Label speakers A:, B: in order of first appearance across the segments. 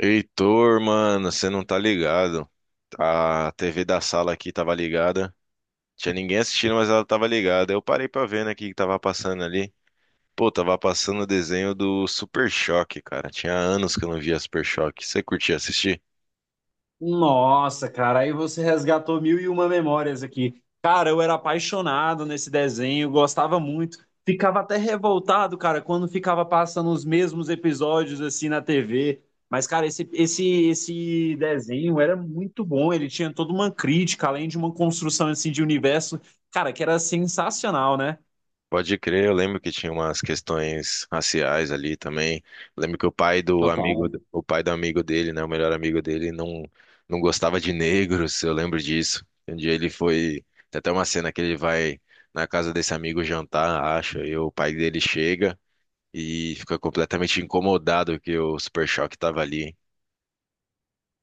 A: Heitor, mano, você não tá ligado. A TV da sala aqui tava ligada. Tinha ninguém assistindo, mas ela tava ligada. Eu parei pra ver, né, o que que tava passando ali. Pô, tava passando o desenho do Super Choque, cara. Tinha anos que eu não via Super Choque. Você curtia assistir?
B: Nossa, cara, aí você resgatou mil e uma memórias aqui. Cara, eu era apaixonado nesse desenho, gostava muito. Ficava até revoltado, cara, quando ficava passando os mesmos episódios assim na TV. Mas, cara, esse desenho era muito bom. Ele tinha toda uma crítica, além de uma construção assim de universo, cara, que era sensacional, né?
A: Pode crer, eu lembro que tinha umas questões raciais ali também. Eu lembro que o pai do amigo,
B: Total.
A: o pai do amigo dele, né, o melhor amigo dele, não, não gostava de negros, eu lembro disso. Um dia ele foi, tem até uma cena que ele vai na casa desse amigo jantar, acho, e o pai dele chega e fica completamente incomodado que o Super Choque tava ali.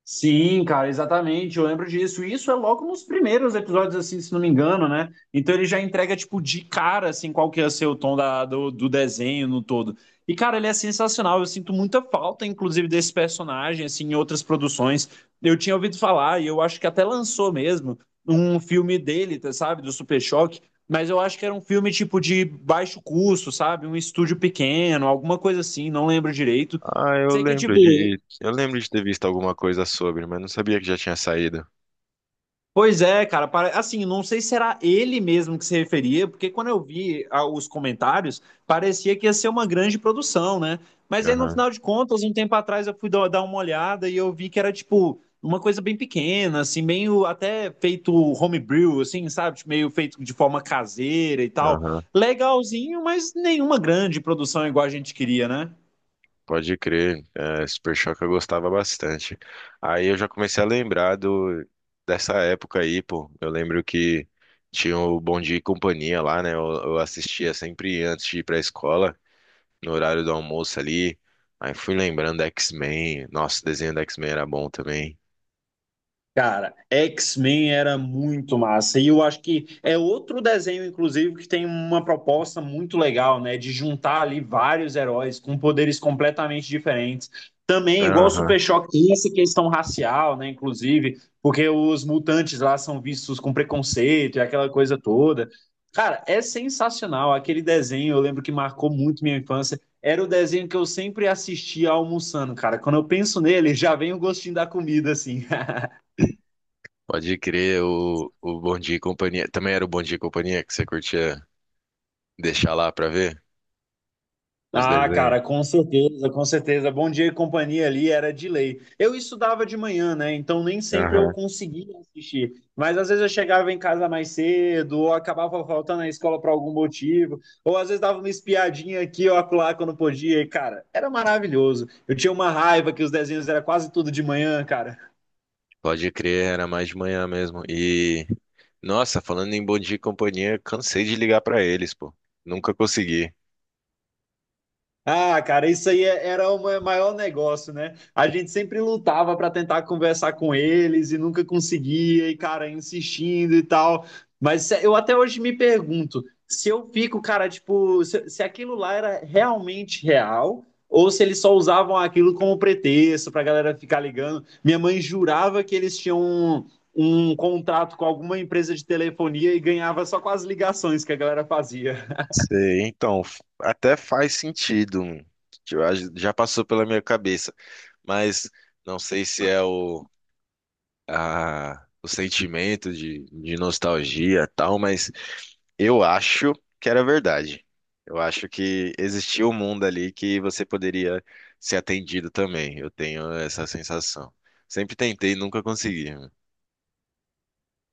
B: Sim, cara, exatamente. Eu lembro disso. E isso é logo nos primeiros episódios, assim, se não me engano, né? Então ele já entrega, tipo, de cara, assim, qual que ia ser o tom do desenho no todo. E, cara, ele é sensacional. Eu sinto muita falta, inclusive, desse personagem, assim, em outras produções. Eu tinha ouvido falar, e eu acho que até lançou mesmo, um filme dele, tá, sabe? Do Super Choque. Mas eu acho que era um filme, tipo, de baixo custo, sabe? Um estúdio pequeno, alguma coisa assim, não lembro direito.
A: Ah,
B: Sei que, tipo,
A: eu lembro de ter visto alguma coisa sobre, mas não sabia que já tinha saído.
B: pois é, cara, pare- assim, não sei se era ele mesmo que se referia, porque quando eu vi os comentários, parecia que ia ser uma grande produção, né? Mas aí, no
A: Aham,
B: final de contas, um tempo atrás eu fui dar uma olhada e eu vi que era, tipo, uma coisa bem pequena, assim, meio até feito homebrew, assim, sabe? Tipo, meio feito de forma caseira e tal.
A: aham.
B: Legalzinho, mas nenhuma grande produção igual a gente queria, né?
A: Pode crer, é, Super Choque eu gostava bastante. Aí eu já comecei a lembrar do, dessa época aí, pô. Eu lembro que tinha o Bom Dia e Companhia lá, né? Eu assistia sempre antes de ir pra escola, no horário do almoço ali. Aí fui lembrando da X-Men. Nossa, o desenho da X-Men era bom também.
B: Cara, X-Men era muito massa. E eu acho que é outro desenho, inclusive, que tem uma proposta muito legal, né? De juntar ali vários heróis com poderes completamente diferentes. Também, igual o
A: Aham.
B: Super Choque, tem essa questão racial, né? Inclusive, porque os mutantes lá são vistos com preconceito e aquela coisa toda. Cara, é sensacional. Aquele desenho, eu lembro que marcou muito minha infância. Era o desenho que eu sempre assistia almoçando, cara. Quando eu penso nele, já vem o gostinho da comida, assim.
A: Pode crer, o Bom Dia e Companhia. Também era o Bom Dia e Companhia que você curtia deixar lá pra ver os
B: Ah,
A: desenhos?
B: cara, com certeza, com certeza. Bom Dia e Companhia ali era de lei. Eu estudava de manhã, né? Então nem sempre eu conseguia assistir. Mas às vezes eu chegava em casa mais cedo, ou acabava faltando na escola por algum motivo, ou às vezes dava uma espiadinha aqui ou acolá quando podia. E, cara, era maravilhoso. Eu tinha uma raiva que os desenhos era quase tudo de manhã, cara.
A: Pode crer, era mais de manhã mesmo. E, nossa, falando em Bom Dia e Companhia, cansei de ligar pra eles, pô. Nunca consegui.
B: Ah, cara, isso aí era o ma- maior negócio, né? A gente sempre lutava para tentar conversar com eles e nunca conseguia, e cara, insistindo e tal. Mas se- eu até hoje me pergunto se eu fico, cara, tipo, se aquilo lá era realmente real ou se eles só usavam aquilo como pretexto pra galera ficar ligando. Minha mãe jurava que eles tinham um, um contrato com alguma empresa de telefonia e ganhava só com as ligações que a galera fazia.
A: Sei, então, até faz sentido. Hum. Eu acho, já passou pela minha cabeça, mas não sei se é o, o sentimento de nostalgia e tal, mas eu acho que era verdade. Eu acho que existia um mundo ali que você poderia ser atendido também. Eu tenho essa sensação. Sempre tentei e nunca consegui, né?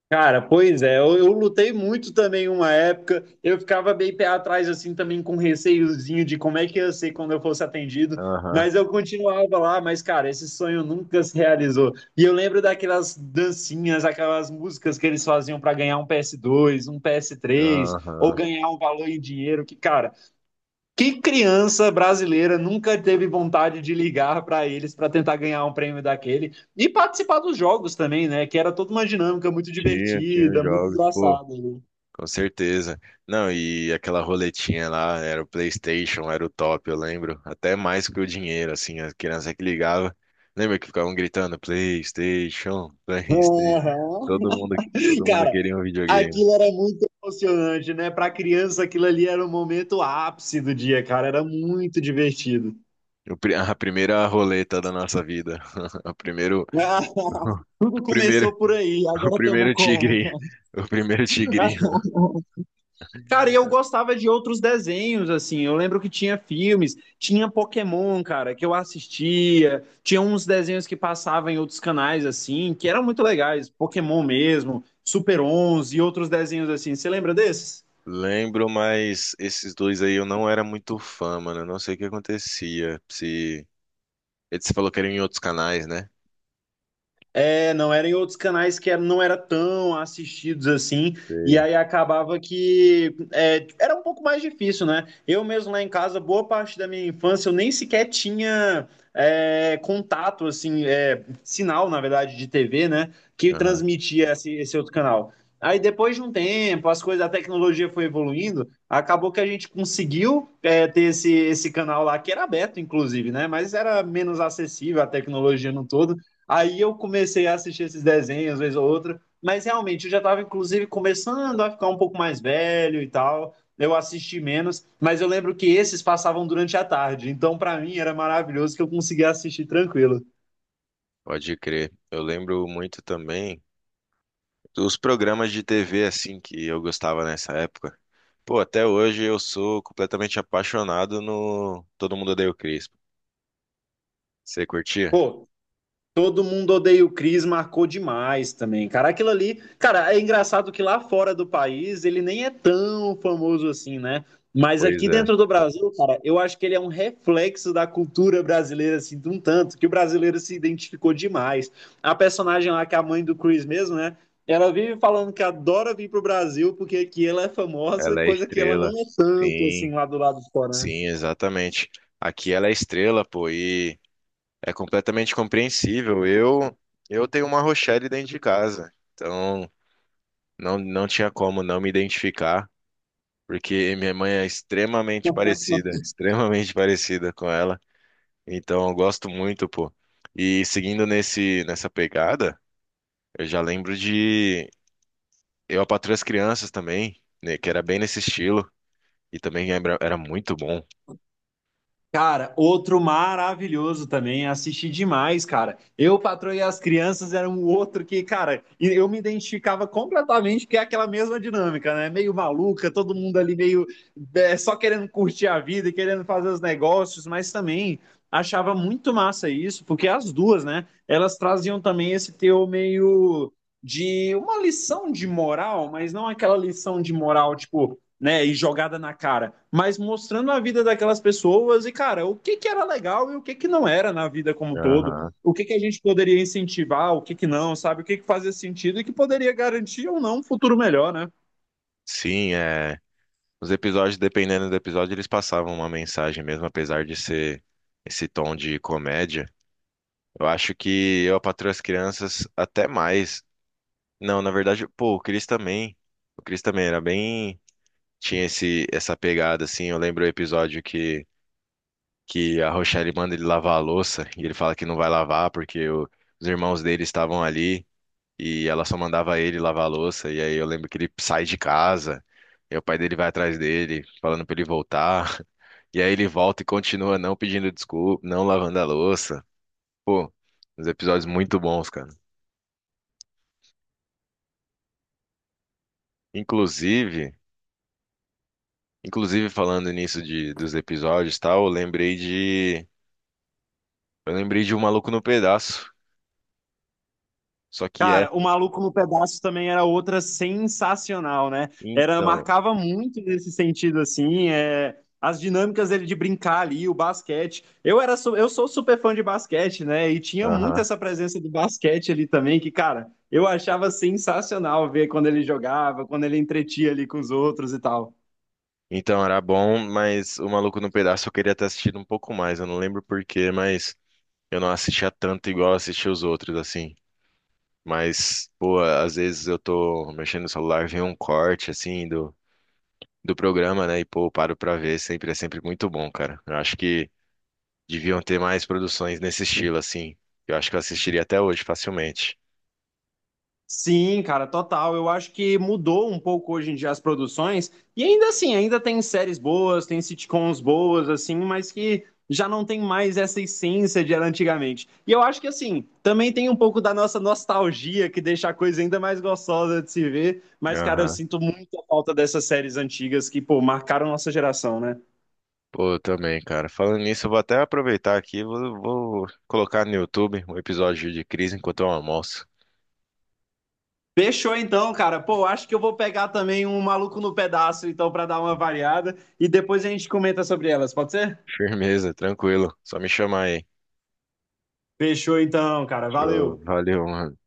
B: Cara, pois é, eu lutei muito também uma época, eu ficava bem pé atrás, assim, também com receiozinho de como é que ia ser quando eu fosse atendido,
A: Aham,
B: mas eu continuava lá, mas, cara, esse sonho nunca se realizou. E eu lembro daquelas dancinhas, aquelas músicas que eles faziam para ganhar um PS2, um PS3, ou
A: aham.
B: ganhar um valor em dinheiro, que, cara, que criança brasileira nunca teve vontade de ligar para eles para tentar ganhar um prêmio daquele e participar dos jogos também, né? Que era toda uma dinâmica muito
A: Tinha, tinha
B: divertida, muito
A: jogos, pô.
B: engraçada, né?
A: Com certeza. Não, e aquela roletinha lá, era o PlayStation, era o top, eu lembro. Até mais que o dinheiro, assim, a criança que ligava. Lembra que ficavam gritando PlayStation, PlayStation.
B: Aham.
A: Todo mundo, todo mundo
B: Cara,
A: queria um videogame.
B: aquilo era muito emocionante, né? Para criança, aquilo ali era o momento ápice do dia, cara. Era muito divertido.
A: A primeira roleta da nossa vida. O primeiro,
B: Tudo
A: o primeiro,
B: começou por aí,
A: o
B: agora estamos
A: primeiro tigre.
B: como?
A: O primeiro tigrinho.
B: Cara, e eu gostava de outros desenhos, assim. Eu lembro que tinha filmes, tinha Pokémon, cara, que eu assistia. Tinha uns desenhos que passavam em outros canais, assim, que eram muito legais. Pokémon mesmo, Super 11 e outros desenhos assim. Você lembra desses?
A: Lembro, mas esses dois aí eu não era muito fã, mano. Eu não sei o que acontecia. Se... você falou que era em outros canais, né?
B: É, não era em outros canais, que não era tão assistidos assim, e
A: Sei.
B: aí acabava que era um pouco mais difícil, né? Eu mesmo lá em casa, boa parte da minha infância, eu nem sequer tinha contato, assim, sinal, na verdade, de TV, né? Que
A: Aham.
B: transmitia esse outro canal. Aí depois de um tempo, as coisas, a tecnologia foi evoluindo, acabou que a gente conseguiu ter esse canal lá, que era aberto, inclusive, né? Mas era menos acessível a tecnologia no todo. Aí eu comecei a assistir esses desenhos, vez ou outra, mas realmente eu já estava, inclusive, começando a ficar um pouco mais velho e tal. Eu assisti menos, mas eu lembro que esses passavam durante a tarde, então para mim era maravilhoso que eu conseguia assistir tranquilo.
A: Pode crer. Eu lembro muito também. Os programas de TV, assim, que eu gostava nessa época. Pô, até hoje eu sou completamente apaixonado no Todo Mundo Odeia o Chris. Você curtia?
B: Pô, Todo Mundo Odeia o Chris marcou demais também. Cara, aquilo ali. Cara, é engraçado que lá fora do país ele nem é tão famoso assim, né? Mas
A: Pois
B: aqui
A: é,
B: dentro do Brasil, cara, eu acho que ele é um reflexo da cultura brasileira, assim, de um tanto, que o brasileiro se identificou demais. A personagem lá, que é a mãe do Chris mesmo, né? Ela vive falando que adora vir pro Brasil porque aqui ela é famosa,
A: ela é
B: coisa que ela não
A: estrela.
B: é tanto, assim,
A: Sim,
B: lá do lado de fora, né?
A: sim, exatamente. Aqui ela é estrela, pô, e é completamente compreensível. Eu tenho uma Rochelle dentro de casa, então não, não tinha como não me identificar, porque minha mãe é extremamente parecida, extremamente parecida com ela. Então eu gosto muito, pô. E seguindo nesse nessa pegada, eu já lembro de eu, a Patroa e as Crianças também, né, que era bem nesse estilo e também era muito bom.
B: Cara, outro maravilhoso também, assisti demais, cara. Eu, Patroa e as Crianças era um outro que, cara, e eu me identificava completamente, porque é aquela mesma dinâmica, né? Meio maluca, todo mundo ali meio só querendo curtir a vida, e querendo fazer os negócios, mas também achava muito massa isso, porque as duas, né? Elas traziam também esse teu meio de uma lição de moral, mas não aquela lição de moral, tipo né, e jogada na cara, mas mostrando a vida daquelas pessoas e, cara, o que que era legal e o que que não era na vida como um todo,
A: Aham.
B: o que que a gente poderia incentivar, o que que não, sabe, o que que fazia sentido e que poderia garantir ou não um futuro melhor, né?
A: Sim, é, os episódios, dependendo do episódio, eles passavam uma mensagem mesmo, apesar de ser esse tom de comédia. Eu acho que Eu, a Patroa e as Crianças até mais. Não, na verdade, pô, o Chris também. O Chris também era bem, tinha esse essa pegada assim. Eu lembro o episódio que a Rochelle manda ele lavar a louça e ele fala que não vai lavar porque os irmãos dele estavam ali e ela só mandava ele lavar a louça. E aí eu lembro que ele sai de casa e o pai dele vai atrás dele falando pra ele voltar. E aí ele volta e continua não pedindo desculpa, não lavando a louça. Pô, uns episódios muito bons, cara. Inclusive, inclusive falando nisso de, dos episódios e tal, eu lembrei de O Maluco no Pedaço. Só que
B: Cara, o
A: essa,
B: Maluco no Pedaço também era outra sensacional, né? Era,
A: então,
B: marcava muito nesse sentido, assim, as dinâmicas dele de brincar ali, o basquete. Eu era, eu sou super fã de basquete, né? E tinha muito
A: aham.
B: essa presença do basquete ali também, que, cara, eu achava sensacional ver quando ele jogava, quando ele entretia ali com os outros e tal.
A: Então era bom, mas o Maluco no Pedaço eu queria ter assistido um pouco mais. Eu não lembro por quê, mas eu não assistia tanto igual eu assistia os outros, assim. Mas, pô, às vezes eu tô mexendo no celular, vem um corte, assim, do, do programa, né? E, pô, eu paro pra ver, sempre é sempre muito bom, cara. Eu acho que deviam ter mais produções nesse estilo, assim. Eu acho que eu assistiria até hoje facilmente.
B: Sim, cara, total. Eu acho que mudou um pouco hoje em dia as produções. E ainda assim, ainda tem séries boas, tem sitcoms boas, assim, mas que já não tem mais essa essência de era antigamente. E eu acho que, assim, também tem um pouco da nossa nostalgia que deixa a coisa ainda mais gostosa de se ver. Mas, cara, eu
A: Aham.
B: sinto muita falta dessas séries antigas que, pô, marcaram nossa geração, né?
A: Pô, eu também, cara. Falando nisso, eu vou até aproveitar aqui, vou colocar no YouTube um episódio de crise enquanto eu almoço.
B: Fechou então, cara. Pô, acho que eu vou pegar também um Maluco no Pedaço, então, pra dar uma variada. E depois a gente comenta sobre elas, pode ser?
A: Firmeza, tranquilo. Só me chamar aí.
B: Fechou então, cara.
A: Show,
B: Valeu.
A: valeu, mano.